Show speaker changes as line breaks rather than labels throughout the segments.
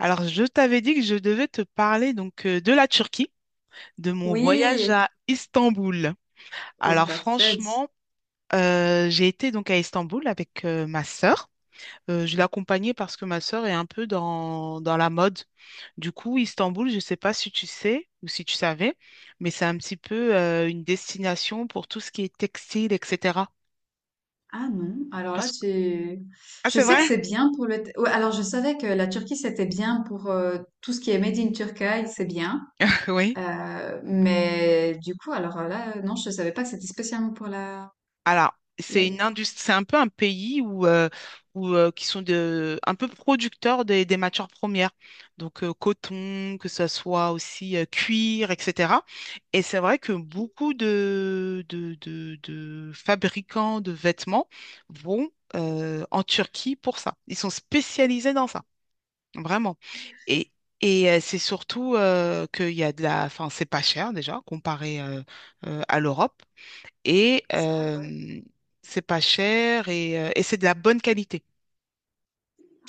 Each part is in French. Alors, je t'avais dit que je devais te parler de la Turquie, de mon voyage
Oui.
à Istanbul.
Oh,
Alors,
parfait.
franchement, j'ai été donc à Istanbul avec ma sœur. Je l'ai accompagnée parce que ma sœur est un peu dans la mode. Du coup, Istanbul, je ne sais pas si tu sais ou si tu savais, mais c'est un petit peu une destination pour tout ce qui est textile, etc.
Ah non, alors là,
Parce...
tu...
Ah,
Je
c'est
sais que
vrai?
c'est bien pour le... Ouais, alors, je savais que la Turquie, c'était bien pour tout ce qui est Made in Turkey, c'est bien.
Oui.
Mais du coup, alors là, non, je savais pas que c'était spécialement pour la...
Alors,
la-
c'est une industrie, c'est un peu un pays où qui sont un peu producteurs des matières premières, coton, que ce soit aussi cuir, etc. Et c'est vrai que beaucoup de fabricants de vêtements vont en Turquie pour ça. Ils sont spécialisés dans ça, vraiment. Et Et c'est surtout qu'il y a de la... Enfin, c'est pas cher déjà comparé à l'Europe et
Ça, ouais.
euh, c'est pas cher et c'est de la bonne qualité.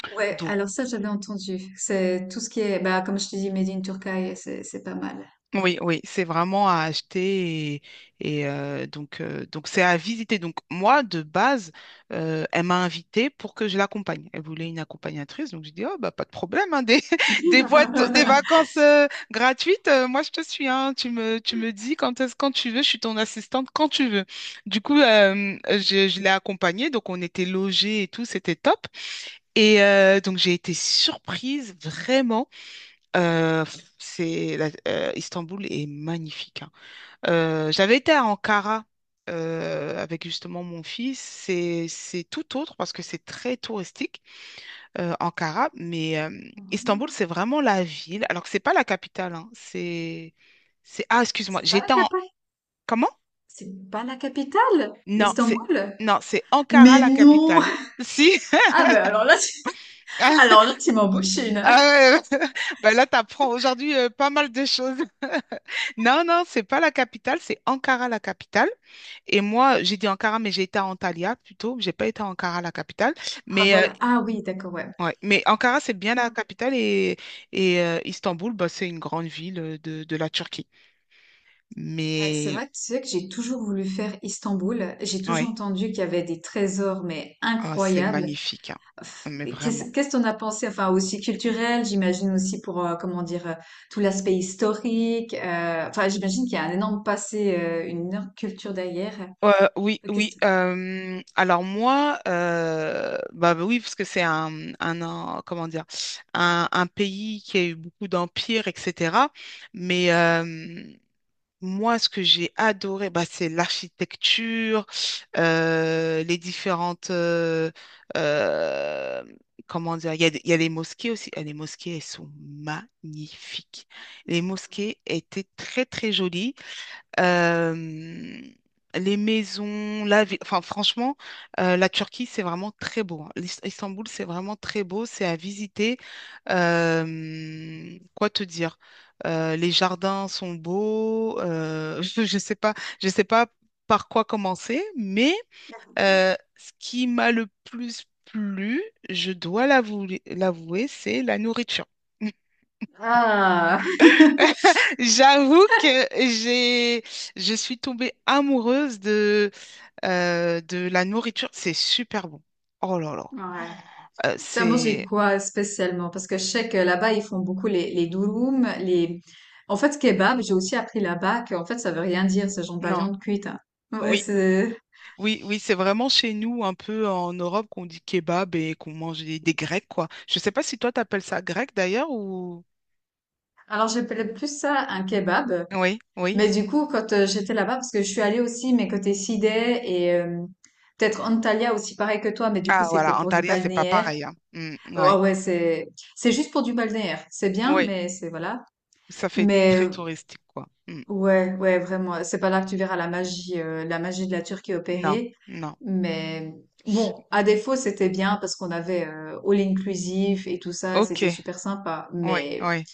Ouais,
Donc,
alors ça, j'avais entendu. C'est tout ce qui est, bah, comme je te dis, Made in Turkey, c'est pas mal.
oui, oui, c'est vraiment à acheter, donc c'est à visiter. Donc moi, de base, elle m'a invitée pour que je l'accompagne. Elle voulait une accompagnatrice, donc j'ai dit, oh, bah, pas de problème, hein, des, des, boîtes, des vacances gratuites, moi je te suis, hein, tu me dis quand est-ce, quand tu veux, je suis ton assistante quand tu veux. Du coup, je l'ai accompagnée, donc on était logés et tout, c'était top. Donc j'ai été surprise vraiment. Istanbul est magnifique, hein. J'avais été à Ankara avec justement mon fils. C'est tout autre parce que c'est très touristique Ankara, mais Istanbul c'est vraiment la ville. Alors que c'est pas la capitale, hein. C'est ah Excuse-moi.
C'est pas la
J'étais en
capitale.
comment?
C'est pas la capitale,
Non c'est
Istanbul.
non, c'est Ankara la
Mais non!
capitale. Si.
Ah ben alors là, tu m'en bouches une.
Ah, ouais. Bah là, t'apprends aujourd'hui pas mal de choses. Non, non, c'est pas la capitale, c'est Ankara la capitale. Et moi, j'ai dit Ankara, mais j'ai été à Antalya plutôt. J'ai pas été à Ankara la capitale.
Ah
Mais, euh,
voilà. Ah oui, d'accord, ouais.
ouais. Mais Ankara, c'est bien la capitale, Istanbul, bah, c'est une grande ville de la Turquie.
Ouais, c'est
Mais
vrai que tu sais que j'ai toujours voulu faire Istanbul. J'ai toujours
ouais,
entendu qu'il y avait des trésors, mais
ah, c'est
incroyables.
magnifique, hein.
Pff,
Mais
mais
vraiment.
qu'est-ce qu'on a pensé? Enfin, aussi culturel, j'imagine aussi pour, comment dire, tout l'aspect historique. Enfin, j'imagine qu'il y a un énorme passé, une énorme culture derrière. Euh,
Oui, oui.
Qu'est-ce que-
Alors moi, bah bah oui, parce que c'est un- comment dire, un pays qui a eu beaucoup d'empires, etc. Mais euh, Moi, ce que j'ai adoré, bah, c'est l'architecture, euh, les différentes... euh, euh, comment dire? Il y a, il y a les mosquées aussi. Ah, les mosquées, elles sont magnifiques. Les mosquées étaient très, très jolies. Euh, les maisons, la vie, enfin franchement, la Turquie, c'est vraiment très beau, hein. Istanbul, c'est vraiment très beau, c'est à visiter. Quoi te dire? Les jardins sont beaux. Je sais pas par quoi commencer, mais ce qui m'a le plus plu, l'avouer, c'est la nourriture.
Ah!
J'avoue que je suis tombée amoureuse de la nourriture. C'est super bon. Oh là là.
Ouais.
Euh,
T'as mangé
c'est,
quoi spécialement? Parce que je sais que là-bas, ils font beaucoup les durum, les... En fait, kebab, j'ai aussi appris là-bas que, en fait, ça veut rien dire, ce genre de la
non.
viande cuite, hein. Ouais,
Oui,
c'est...
oui, oui, c'est vraiment chez nous, un peu en Europe, qu'on dit kebab et qu'on mange des grecs, quoi. Je sais pas si toi, t'appelles ça grec d'ailleurs ou.
Alors, j'appelais plus ça un kebab.
Oui, oui.
Mais du coup, quand j'étais là-bas, parce que je suis allée aussi, mais côté Sidé et peut-être Antalya aussi, pareil que toi, mais du coup,
Ah,
c'était
voilà.
pour du
Antalya, c'est pas
balnéaire.
pareil, hein. Mm,
Oh,
ouais.
ouais, c'est... C'est juste pour du balnéaire. C'est bien,
Oui.
mais c'est... Voilà.
Ça fait
Mais
très
euh,
touristique, quoi. Mm.
Ouais, ouais, vraiment. C'est pas là que tu verras la magie de la Turquie
Non,
opérée.
non.
Mais bon, à défaut, c'était bien parce qu'on avait all inclusif et tout ça,
Ok.
c'était super sympa.
Oui,
Mais
oui.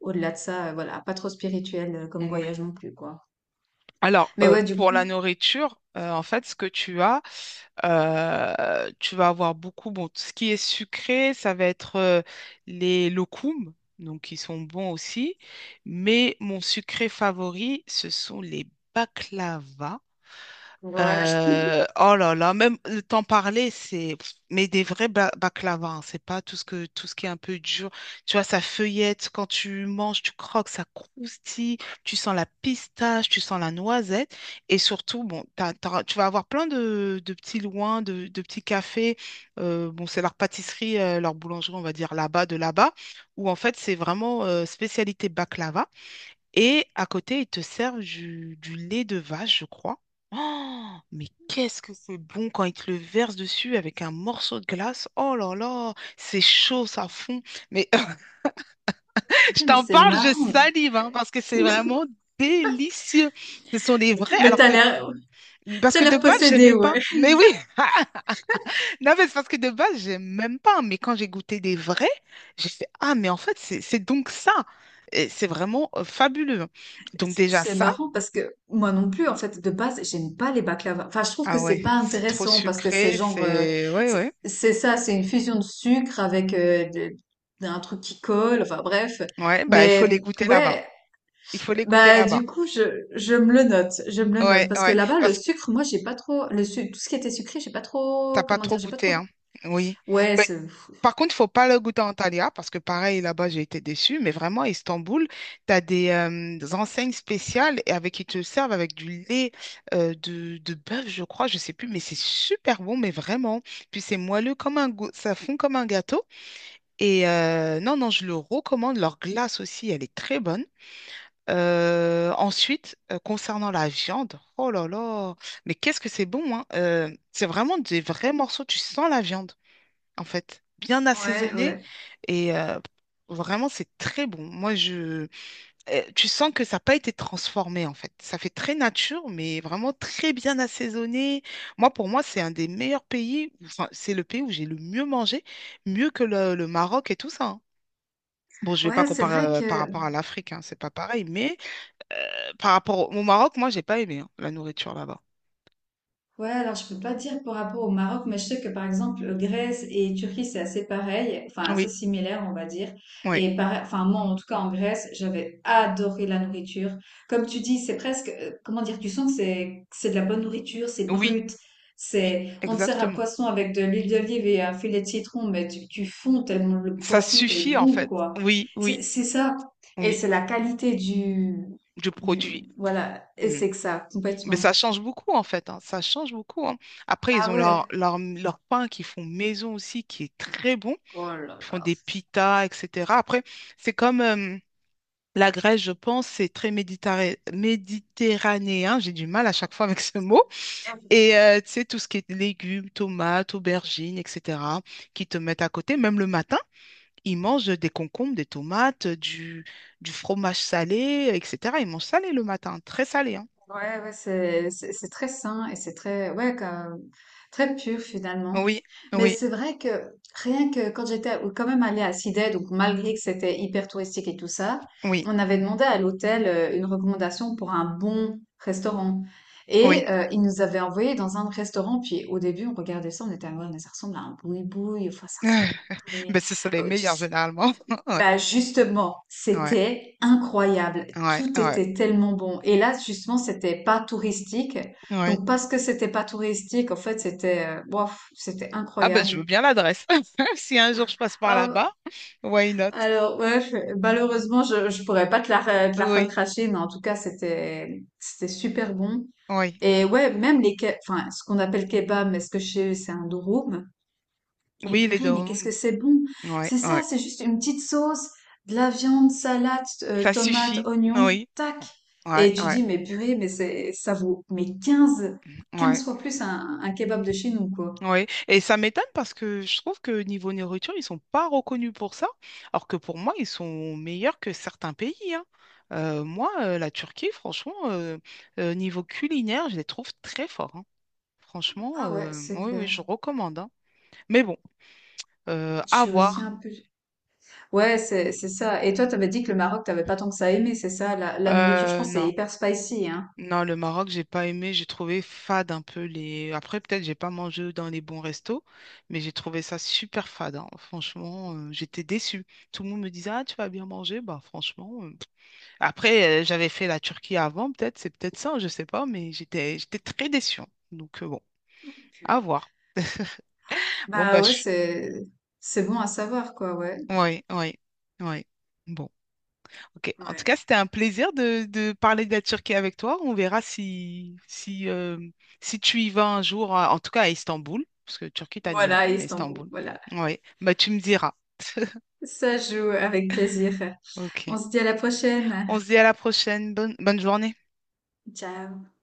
au-delà de ça, voilà, pas trop spirituel comme
Oui.
voyage non plus, quoi.
Alors,
Mais ouais, du
pour la
coup,
nourriture, en fait, ce que tu as, tu vas avoir beaucoup, bon, tout ce qui est sucré, ça va être les locums, donc qui sont bons aussi, mais mon sucré favori, ce sont les baklava.
ouais, je-
Oh là là, même le temps parler, c'est mais des baklava, hein, c'est pas tout ce qui est un peu dur. Tu vois, ça feuillette quand tu manges, tu croques, ça croustille, tu sens la pistache, tu sens la noisette, et surtout, bon, tu vas avoir plein de petits loins, de petits cafés. Bon, c'est leur pâtisserie, leur boulangerie, on va dire là-bas, de là-bas, où en fait c'est vraiment spécialité baklava. Et à côté, ils te servent du lait de vache, je crois. Oh, mais qu'est-ce que c'est bon quand ils te le versent dessus avec un morceau de glace. Oh là là, c'est chaud, ça fond. Mais je
purée, mais
t'en
c'est
parle, je
marrant.
salive, hein, parce que c'est vraiment délicieux. Ce sont des vrais,
Mais t'as l'air,
parce
t'as
que de
l'air
base,
possédé,
j'aimais pas.
ouais.
Mais oui, non, mais c'est parce que de base, j'aime même pas. Mais quand j'ai goûté des vrais, j'ai fait, ah, mais en fait, c'est donc ça. Et c'est vraiment fabuleux. Donc déjà
C'est
ça,
marrant parce que moi non plus, en fait, de base, j'aime pas les baklava. Enfin, je trouve que
ah ouais,
c'est pas
c'est trop
intéressant parce que c'est
sucré,
genre,
c'est... Ouais,
c'est
ouais.
c'est ça, c'est une fusion de sucre avec un truc qui colle. Enfin, bref.
Ouais, bah, il faut les
Mais
goûter là-bas.
ouais,
Il faut les goûter
bah
là-bas.
du coup, je me le note, je me le note
Ouais,
parce que
ouais,
là-bas, le
parce que
sucre, moi, j'ai pas trop tout ce qui était sucré, j'ai pas
t'as
trop,
pas
comment
trop
dire, j'ai pas
goûté,
trop.
hein. Oui.
Ouais,
Mais,
c'est
par contre, faut pas le goûter en Antalya, parce que pareil, là-bas, j'ai été déçue. Mais vraiment, à Istanbul, t'as des enseignes spéciales et avec qui te servent avec du lait de bœuf, je crois, je sais plus, mais c'est super bon, mais vraiment. Puis c'est moelleux comme un gâteau, ça fond comme un gâteau. Non, non, je le recommande. Leur glace aussi, elle est très bonne. Concernant la viande, oh là là, mais qu'est-ce que c'est bon, hein? C'est vraiment des vrais morceaux, tu sens la viande, en fait, bien
ouais,
assaisonnée
ouais,
et vraiment c'est très bon. Tu sens que ça n'a pas été transformé, en fait. Ça fait très nature, mais vraiment très bien assaisonné. Moi, pour moi, c'est un des meilleurs pays, enfin, c'est le pays où j'ai le mieux mangé, mieux que le Maroc et tout ça, hein. Bon, je ne vais pas
ouais, c'est vrai
comparer par
que
rapport à l'Afrique, hein, c'est pas pareil, mais au Maroc, moi, j'ai pas aimé hein, la nourriture là-bas.
ouais, alors je peux pas dire par rapport au Maroc, mais je sais que par exemple Grèce et Turquie c'est assez pareil, enfin assez
Oui,
similaire on va dire.
oui,
Et pareil, enfin moi en tout cas en Grèce j'avais adoré la nourriture. Comme tu dis, c'est presque, comment dire, tu sens que c'est de la bonne nourriture, c'est
oui,
brut,
oui,
c'est on te sert un
exactement.
poisson avec de l'huile d'olive et un filet de citron, mais tu fonds tellement le
Ça
poisson est
suffit en
bon
fait.
quoi.
Oui, oui,
C'est ça et
oui,
c'est la qualité
du
du
produit.
voilà et
Mm.
c'est que ça
Mais
complètement.
ça change beaucoup en fait, hein, ça change beaucoup, hein. Après, ils
Ah
ont
ouais.
leur pain qu'ils font maison aussi, qui est très bon.
Oh là
Ils font
là.
des pitas, etc. Après, c'est comme la Grèce, je pense, c'est très méditerranéen. J'ai du mal à chaque fois avec ce mot. Tu sais, tout ce qui est légumes, tomates, aubergines, etc., qui te mettent à côté, même le matin, ils mangent des concombres, des tomates, du fromage salé, etc. Ils mangent salé le matin, très salé, hein.
C'est très sain et c'est très ouais très pur finalement.
Oui,
Mais
oui,
c'est vrai que rien que quand j'étais ou quand même allée à Sydney, donc malgré que c'était hyper touristique et tout ça,
oui,
on avait demandé à l'hôtel une recommandation pour un bon restaurant
oui.
et ils nous avaient envoyé dans un restaurant. Puis au début, on regardait ça, on était ah ouais, mais ça ressemble à un boui-boui, enfin ça ressemble
Ben, ce sont les
pas très.
meilleurs généralement.
Bah justement,
Ouais, ouais,
c'était incroyable.
ouais,
Tout
ouais,
était tellement bon. Et là, justement, c'était pas touristique.
ouais.
Donc parce que c'était pas touristique, en fait, c'était bof, c'était
Ah ben, je veux
incroyable.
bien l'adresse. Si un jour je passe par
Ah,
là-bas, why not?
alors ouais, malheureusement, je pourrais pas te la te la
Oui,
recracher, mais en tout cas, c'était super bon.
oui.
Et ouais, même les enfin ce qu'on appelle kebab, mais ce que chez eux c'est un durum. Mais
Oui, les
purée, mais qu'est-ce
dômes.
que c'est bon!
Ouais,
C'est ça,
ouais.
c'est juste une petite sauce, de la viande, salade,
Ça
tomate,
suffit.
oignon,
Oui.
tac!
Ouais,
Et tu
ouais,
dis, mais purée, mais c'est, ça vaut, mais
ouais.
15 fois plus un kebab de chez nous, quoi.
Oui, et ça m'étonne parce que je trouve que niveau nourriture, ils sont pas reconnus pour ça, alors que pour moi, ils sont meilleurs que certains pays, hein. La Turquie, franchement, niveau culinaire, je les trouve très forts, hein. Franchement,
Ah ouais, c'est
oui, oui,
clair.
je recommande, hein. Mais bon,
Je
à
suis aussi
voir.
un peu... Ouais, c'est ça. Et toi, t'avais dit que le Maroc, t'avais pas tant que ça aimé, c'est ça, la nourriture, je pense, c'est
Non.
hyper spicy, hein.
Non, le Maroc, j'ai pas aimé, j'ai trouvé fade un peu les. Après, peut-être j'ai pas mangé dans les bons restos, mais j'ai trouvé ça super fade, hein. Franchement, j'étais déçue. Tout le monde me disait, ah, tu vas bien manger. Bah franchement. Après, j'avais fait la Turquie avant, peut-être, c'est peut-être ça, je sais pas, mais j'étais très déçue, hein. Bon, à voir. Bon bah
Bah ouais,
je.
c'est, c'est bon à savoir, quoi, ouais.
Oui, oui, oui. Bon. Ok. En tout cas,
Ouais.
c'était un plaisir de parler de la Turquie avec toi. On verra si, si tu y vas un jour, en tout cas à Istanbul, parce que Turquie, t'as déjà
Voilà,
fait, mais
Istanbul,
Istanbul.
voilà.
Oui, bah, tu me diras.
Ça joue avec plaisir.
Ok.
On se dit à la prochaine.
On se dit à la prochaine. Bonne, bonne journée.
Ciao.